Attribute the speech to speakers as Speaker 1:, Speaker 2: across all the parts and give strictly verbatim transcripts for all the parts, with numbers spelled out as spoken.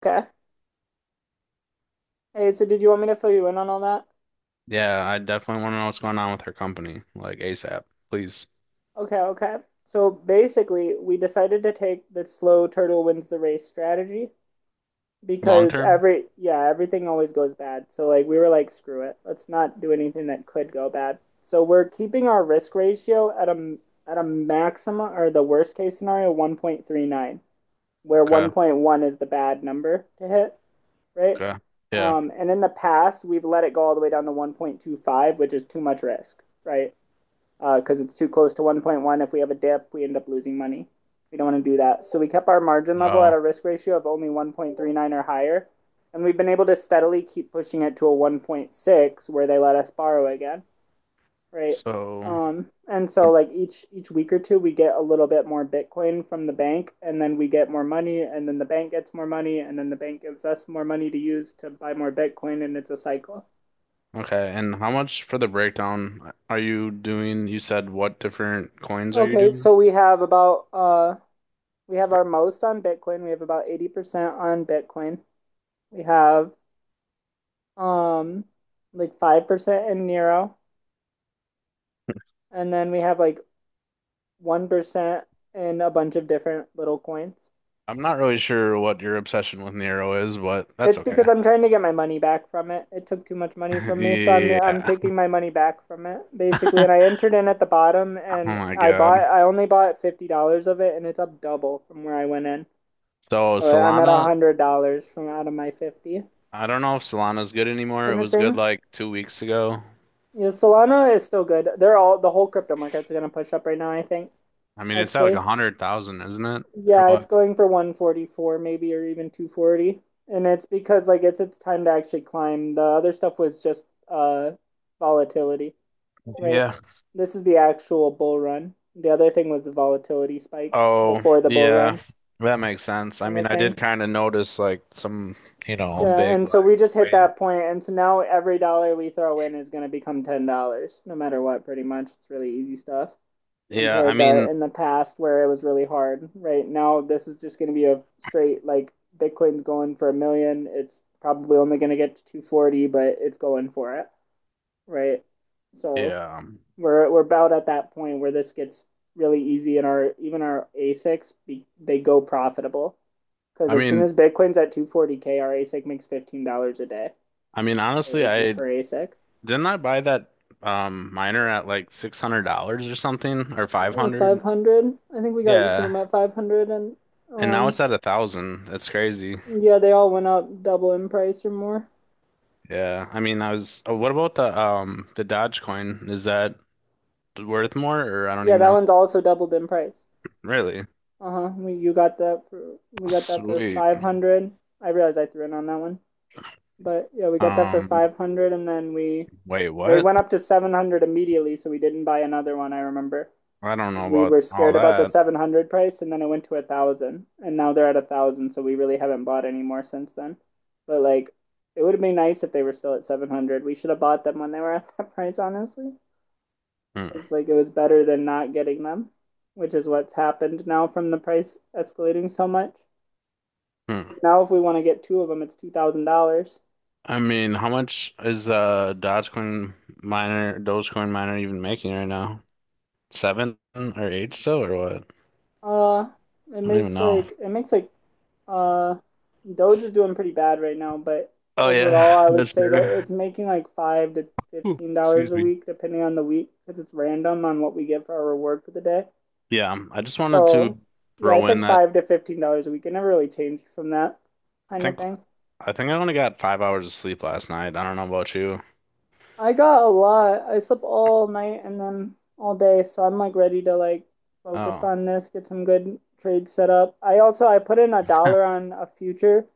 Speaker 1: Okay. Hey, so did you want me to fill you in on all that?
Speaker 2: Yeah, I definitely want to know what's going on with her company, like ASAP, please.
Speaker 1: Okay, okay. So basically, we decided to take the slow turtle wins the race strategy
Speaker 2: Long
Speaker 1: because
Speaker 2: term?
Speaker 1: every, yeah, everything always goes bad. So like we were like, screw it. Let's not do anything that could go bad. So we're keeping our risk ratio at a at a maximum or the worst case scenario one point three nine, where
Speaker 2: Okay,
Speaker 1: one point one is the bad number to hit, right?
Speaker 2: okay. Yeah.
Speaker 1: Um, and in the past, we've let it go all the way down to one point two five, which is too much risk, right? because uh, it's too close to one point one. If we have a dip, we end up losing money. We don't want to do that. So we kept our margin level at
Speaker 2: Oh,
Speaker 1: a risk ratio of only one point three nine or higher. And we've been able to steadily keep pushing it to a one point six where they let us borrow again, right?
Speaker 2: so
Speaker 1: Um, and so
Speaker 2: what-
Speaker 1: like each each week or two we get a little bit more Bitcoin from the bank and then we get more money and then the bank gets more money and then the bank gives us more money to use to buy more Bitcoin, and it's a cycle.
Speaker 2: okay. And how much for the breakdown are you doing? You said what different coins are you
Speaker 1: Okay,
Speaker 2: doing?
Speaker 1: so we have about uh We have our most on Bitcoin. We have about eighty percent on Bitcoin. We have um like five percent in Nero. And then we have like one percent in a bunch of different little coins.
Speaker 2: I'm not really sure what your obsession with Nero is, but that's
Speaker 1: It's
Speaker 2: okay.
Speaker 1: because I'm trying to get my money back from it. It took too much money from me, so I'm I'm
Speaker 2: Yeah.
Speaker 1: taking my money back from it basically. And I entered in at the bottom,
Speaker 2: Oh
Speaker 1: and
Speaker 2: my
Speaker 1: I bought
Speaker 2: God.
Speaker 1: I only bought fifty dollars of it, and it's up double from where I went in.
Speaker 2: So
Speaker 1: So I'm at a
Speaker 2: Solana,
Speaker 1: hundred dollars from out of my fifty,
Speaker 2: I don't know if Solana's good anymore. It
Speaker 1: kind of
Speaker 2: was good
Speaker 1: thing.
Speaker 2: like two weeks ago.
Speaker 1: Yeah, Solana is still good. They're all the whole crypto market's gonna push up right now, I think,
Speaker 2: I mean, it's at like a
Speaker 1: actually.
Speaker 2: hundred thousand, isn't it? Or
Speaker 1: Yeah, it's
Speaker 2: what?
Speaker 1: going for one forty-four maybe or even two forty. And it's because like it's it's time to actually climb. The other stuff was just uh volatility, right?
Speaker 2: Yeah.
Speaker 1: This is the actual bull run. The other thing was the volatility spikes
Speaker 2: Oh,
Speaker 1: before the bull
Speaker 2: yeah,
Speaker 1: run,
Speaker 2: that makes sense. I
Speaker 1: kind
Speaker 2: mean,
Speaker 1: of
Speaker 2: I
Speaker 1: thing.
Speaker 2: did kind of notice like some, you know,
Speaker 1: Yeah,
Speaker 2: big
Speaker 1: and so
Speaker 2: like
Speaker 1: we just hit
Speaker 2: wave.
Speaker 1: that point, and so now every dollar we throw in is gonna become ten dollars, no matter what, pretty much. It's really easy stuff
Speaker 2: Yeah, I
Speaker 1: compared to
Speaker 2: mean,
Speaker 1: in the past where it was really hard. Right now, this is just going to be a straight like Bitcoin's going for a million. It's probably only going to get to two forty, but it's going for it, right? So
Speaker 2: yeah.
Speaker 1: we're we're about at that point where this gets really easy, and our even our ASICs be, they go profitable because
Speaker 2: I
Speaker 1: as soon
Speaker 2: mean,
Speaker 1: as Bitcoin's at two forty k, our ASIC makes fifteen dollars a day,
Speaker 2: I mean,
Speaker 1: right?
Speaker 2: honestly,
Speaker 1: Like
Speaker 2: I
Speaker 1: per ASIC.
Speaker 2: didn't I buy that um miner at like six hundred dollars or something or
Speaker 1: Yeah, or
Speaker 2: five hundred?
Speaker 1: five hundred. I think we got each of
Speaker 2: Yeah.
Speaker 1: them at five hundred and
Speaker 2: And now
Speaker 1: um
Speaker 2: it's at a thousand. That's crazy.
Speaker 1: yeah, they all went up double in price or more.
Speaker 2: Yeah. I mean, I was oh, what about the um the Dodge coin? Is that worth more or I don't
Speaker 1: Yeah,
Speaker 2: even
Speaker 1: that
Speaker 2: know.
Speaker 1: one's also doubled in price.
Speaker 2: Really?
Speaker 1: Uh-huh. We you got that for we got that for
Speaker 2: Sweet.
Speaker 1: five hundred. I realized I threw in on that one. But yeah, we got that for
Speaker 2: Um,
Speaker 1: five hundred and then we
Speaker 2: wait,
Speaker 1: they
Speaker 2: what?
Speaker 1: went up to seven hundred immediately, so we didn't buy another one, I remember.
Speaker 2: I don't
Speaker 1: 'Cause
Speaker 2: know
Speaker 1: we
Speaker 2: about
Speaker 1: were
Speaker 2: all
Speaker 1: scared about the
Speaker 2: that.
Speaker 1: seven hundred price and then it went to a 1,000, and now they're at a 1,000, so we really haven't bought any more since then. But like it would have been nice if they were still at seven hundred. We should have bought them when they were at that price, honestly.
Speaker 2: Hmm.
Speaker 1: It's like it was better than not getting them, which is what's happened now from the price escalating so much.
Speaker 2: Hmm.
Speaker 1: Now if we want to get two of them, it's two thousand dollars.
Speaker 2: I mean, how much is uh Dogecoin miner, Dogecoin miner even making right now? Seven or eight still or what?
Speaker 1: Uh, it
Speaker 2: I don't even
Speaker 1: makes
Speaker 2: know.
Speaker 1: like it makes like uh, Doge is doing pretty bad right now, but
Speaker 2: Oh
Speaker 1: overall,
Speaker 2: yeah,
Speaker 1: I would
Speaker 2: that's
Speaker 1: say that
Speaker 2: true.
Speaker 1: it's making like five to
Speaker 2: Ooh,
Speaker 1: fifteen dollars
Speaker 2: excuse
Speaker 1: a
Speaker 2: me.
Speaker 1: week, depending on the week, because it's random on what we get for our reward for the day.
Speaker 2: Yeah, I just wanted to
Speaker 1: So yeah,
Speaker 2: throw
Speaker 1: it's
Speaker 2: in
Speaker 1: like
Speaker 2: that
Speaker 1: five to fifteen dollars a week. It never really changed from that,
Speaker 2: I
Speaker 1: kind of
Speaker 2: think
Speaker 1: thing.
Speaker 2: I think I only got five hours of sleep last night. I don't know about you.
Speaker 1: I got a lot. I slept all night and then all day, so I'm like ready to like focus
Speaker 2: Oh,
Speaker 1: on this, get some good trades set up. I also I put in a dollar on a future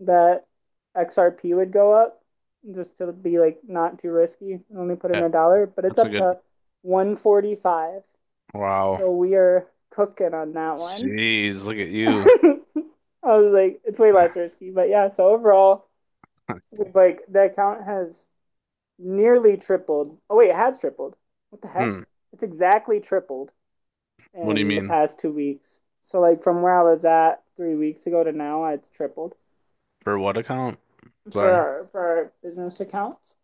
Speaker 1: that X R P would go up just to be like not too risky. I only put in
Speaker 2: yeah,
Speaker 1: a dollar, but it's
Speaker 2: that's a
Speaker 1: up
Speaker 2: good.
Speaker 1: to one forty-five.
Speaker 2: Wow.
Speaker 1: So we are cooking on that one.
Speaker 2: Jeez, look at you.
Speaker 1: I was like, it's way less risky, but yeah, so overall, we've like the account has nearly tripled. Oh wait, it has tripled. What the heck?
Speaker 2: Hmm.
Speaker 1: It's exactly tripled
Speaker 2: What do you
Speaker 1: in the
Speaker 2: mean?
Speaker 1: past two weeks. So like from where I was at three weeks ago to now, it's tripled
Speaker 2: For what account?
Speaker 1: for
Speaker 2: Sorry.
Speaker 1: our, for our business accounts.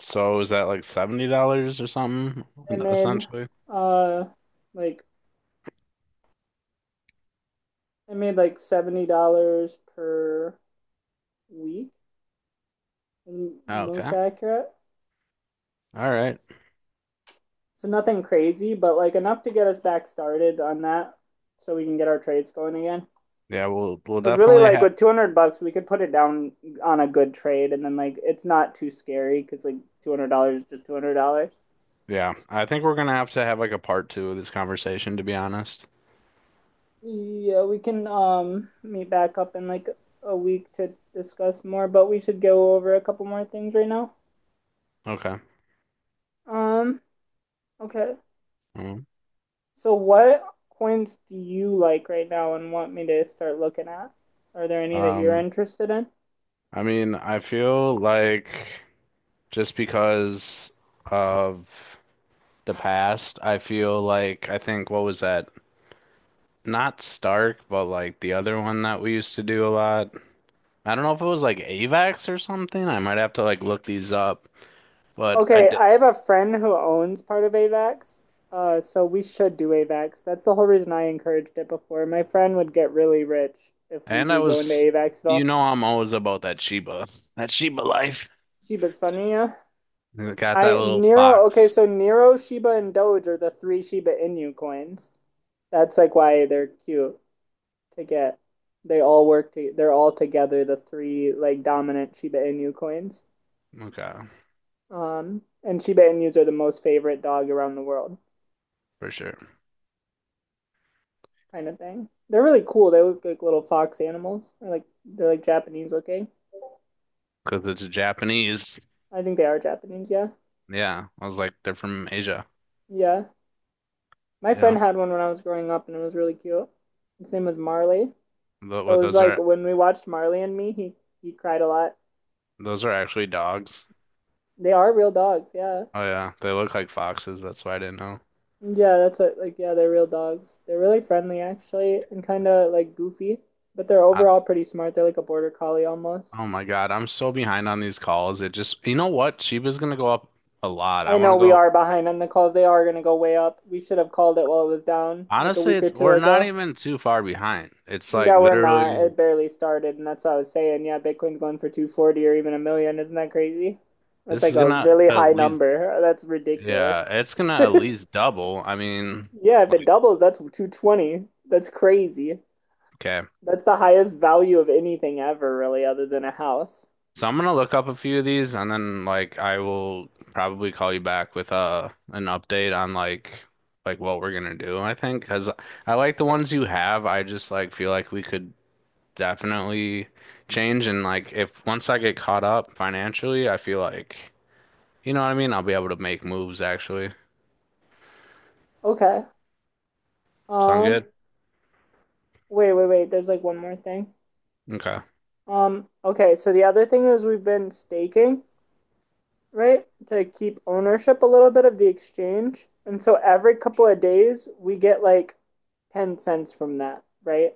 Speaker 2: So is that like seventy dollars or something
Speaker 1: I made
Speaker 2: essentially?
Speaker 1: uh like I made like seventy dollars per week, most
Speaker 2: Okay.
Speaker 1: accurate.
Speaker 2: All right.
Speaker 1: So nothing crazy, but like enough to get us back started on that, so we can get our trades going again.
Speaker 2: Yeah, we'll we'll
Speaker 1: I was really
Speaker 2: definitely
Speaker 1: like
Speaker 2: have
Speaker 1: with two hundred bucks we could put it down on a good trade, and then like it's not too scary because like two hundred dollars is just two hundred dollars.
Speaker 2: yeah, I think we're gonna have to have like a part two of this conversation, to be honest.
Speaker 1: Yeah, we can um meet back up in like a week to discuss more, but we should go over a couple more things right now.
Speaker 2: Okay.
Speaker 1: Um okay,
Speaker 2: Mm.
Speaker 1: so what coins do you like right now and want me to start looking at? Are there any that you're
Speaker 2: Um,
Speaker 1: interested in?
Speaker 2: I mean, I feel like just because of the past, I feel like I think what was that? Not Stark, but like the other one that we used to do a lot. I don't know if it was like A V A X or something. I might have to like look these up. But I
Speaker 1: Okay,
Speaker 2: d
Speaker 1: I have a friend who owns part of AVAX, uh, so we should do AVAX. That's the whole reason I encouraged it before. My friend would get really rich if we
Speaker 2: And I
Speaker 1: do go into
Speaker 2: was,
Speaker 1: AVAX at
Speaker 2: you
Speaker 1: all.
Speaker 2: know, I'm always about that Shiba, that Shiba life.
Speaker 1: Shiba's funny, yeah.
Speaker 2: It got that
Speaker 1: I
Speaker 2: little
Speaker 1: Nero. Okay,
Speaker 2: fox.
Speaker 1: so Nero, Shiba, and Doge are the three Shiba Inu coins. That's like why they're cute to get. They all work to. They're all together the three like dominant Shiba Inu coins.
Speaker 2: Okay,
Speaker 1: Um, and Shiba Inus are the most favorite dog around the world,
Speaker 2: for sure.
Speaker 1: kind of thing. They're really cool. They look like little fox animals. Or like they're like Japanese looking.
Speaker 2: Because it's Japanese.
Speaker 1: I think they are Japanese, yeah.
Speaker 2: Yeah, I was like, they're from Asia.
Speaker 1: Yeah. My friend
Speaker 2: Yeah,
Speaker 1: had one when I was growing up and it was really cute. His name was Marley.
Speaker 2: Tho-
Speaker 1: So it
Speaker 2: what
Speaker 1: was
Speaker 2: those
Speaker 1: like
Speaker 2: are
Speaker 1: when we watched Marley and Me, he he cried a lot.
Speaker 2: those are actually dogs.
Speaker 1: They are real dogs, yeah.
Speaker 2: Oh yeah, they look like foxes. That's why I didn't know.
Speaker 1: Yeah, that's what like, yeah, they're real dogs. They're really friendly actually and kind of like goofy, but they're
Speaker 2: I,
Speaker 1: overall pretty smart. They're like a border collie almost.
Speaker 2: oh my God, I'm so behind on these calls. It just, you know what? Shiba's gonna go up a lot.
Speaker 1: I
Speaker 2: I want
Speaker 1: know
Speaker 2: to
Speaker 1: we
Speaker 2: go.
Speaker 1: are behind on the calls. They are going to go way up. We should have called it while it was down like a
Speaker 2: Honestly,
Speaker 1: week or
Speaker 2: it's
Speaker 1: two
Speaker 2: we're not
Speaker 1: ago.
Speaker 2: even too far behind. It's like
Speaker 1: Yeah, we're not.
Speaker 2: literally,
Speaker 1: It barely started, and that's what I was saying. Yeah, Bitcoin's going for two forty or even a million. Isn't that crazy? That's
Speaker 2: this
Speaker 1: like
Speaker 2: is
Speaker 1: a
Speaker 2: gonna
Speaker 1: really
Speaker 2: at
Speaker 1: high
Speaker 2: least.
Speaker 1: number. That's
Speaker 2: Yeah,
Speaker 1: ridiculous.
Speaker 2: it's gonna at least double. I mean,
Speaker 1: Yeah, if it
Speaker 2: like,
Speaker 1: doubles, that's two twenty. That's crazy.
Speaker 2: okay.
Speaker 1: That's the highest value of anything ever, really, other than a house.
Speaker 2: So I'm gonna look up a few of these and then like I will probably call you back with uh an update on like like what we're gonna do, I think, because I like the ones you have. I just like feel like we could definitely change, and like if once I get caught up financially, I feel like you know what I mean? I'll be able to make moves actually.
Speaker 1: Okay.
Speaker 2: Sound
Speaker 1: Um,
Speaker 2: good?
Speaker 1: wait, wait, wait. There's like one more thing.
Speaker 2: Okay.
Speaker 1: Um, okay, so the other thing is we've been staking, right? To keep ownership a little bit of the exchange. And so every couple of days we get like ten cents from that, right?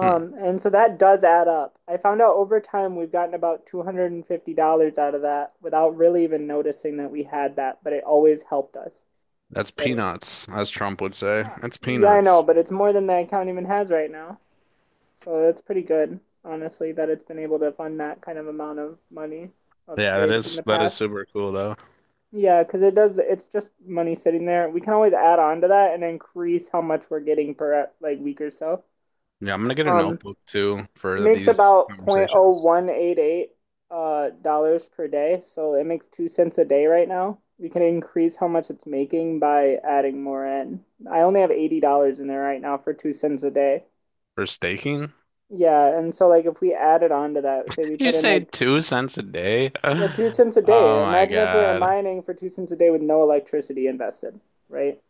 Speaker 2: Hmm.
Speaker 1: and so that does add up. I found out over time we've gotten about two hundred fifty dollars out of that without really even noticing that we had that, but it always helped us,
Speaker 2: That's
Speaker 1: right?
Speaker 2: peanuts, as Trump would say.
Speaker 1: Yeah,
Speaker 2: That's
Speaker 1: yeah, I know,
Speaker 2: peanuts.
Speaker 1: but it's more than the account even has right now. So that's pretty good, honestly, that it's been able to fund that kind of amount of money of
Speaker 2: Yeah, that
Speaker 1: trades in
Speaker 2: is
Speaker 1: the
Speaker 2: that is
Speaker 1: past.
Speaker 2: super cool though.
Speaker 1: Yeah, because it does. It's just money sitting there. We can always add on to that and increase how much we're getting per like week or so.
Speaker 2: Yeah, I'm gonna get a
Speaker 1: Um,
Speaker 2: notebook too
Speaker 1: it
Speaker 2: for
Speaker 1: makes
Speaker 2: these
Speaker 1: about zero point oh
Speaker 2: conversations.
Speaker 1: one eight eight uh dollars per day, so it makes two cents a day right now. We can increase how much it's making by adding more in. I only have eighty dollars in there right now for two cents a day.
Speaker 2: For staking?
Speaker 1: Yeah, and so like if we added on to that, say we
Speaker 2: You
Speaker 1: put in
Speaker 2: say
Speaker 1: like,
Speaker 2: two cents a day?
Speaker 1: yeah, two cents a day.
Speaker 2: Oh my
Speaker 1: Imagine if we were
Speaker 2: God.
Speaker 1: mining for two cents a day with no electricity invested, right?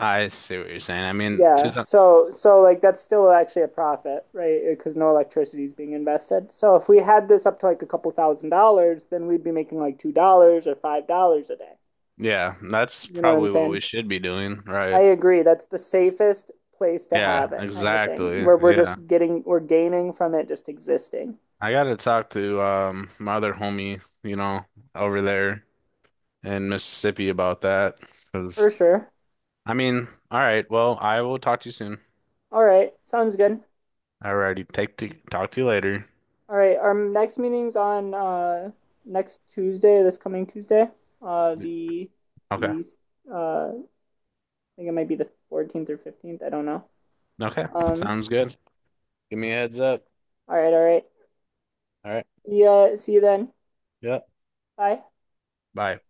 Speaker 2: I see what you're saying. I mean, two
Speaker 1: Yeah,
Speaker 2: cents.
Speaker 1: so so like that's still actually a profit, right? Because no electricity is being invested. So if we had this up to like a couple thousand dollars, then we'd be making like two dollars or five dollars a day.
Speaker 2: Yeah, that's
Speaker 1: You know what I'm
Speaker 2: probably what
Speaker 1: saying?
Speaker 2: we should be doing,
Speaker 1: I
Speaker 2: right?
Speaker 1: agree. That's the safest place to
Speaker 2: Yeah,
Speaker 1: have it, kind of thing,
Speaker 2: exactly.
Speaker 1: where we're
Speaker 2: Yeah.
Speaker 1: just getting we're gaining from it just existing.
Speaker 2: I gotta talk to um my other homie, you know, over there in Mississippi about that.
Speaker 1: For
Speaker 2: 'Cause
Speaker 1: sure.
Speaker 2: I mean, all right, well, I will talk to you soon.
Speaker 1: All right, sounds good.
Speaker 2: Alrighty, take to talk to you later.
Speaker 1: All right, our next meeting's on uh next Tuesday, this coming Tuesday. Uh the
Speaker 2: Okay.
Speaker 1: the uh I think it might be the fourteenth or fifteenth. I don't know.
Speaker 2: Okay.
Speaker 1: Um,
Speaker 2: Sounds good. Give me a heads up.
Speaker 1: all right, all right.
Speaker 2: All right.
Speaker 1: Yeah, see you then.
Speaker 2: Yep.
Speaker 1: Bye.
Speaker 2: Bye.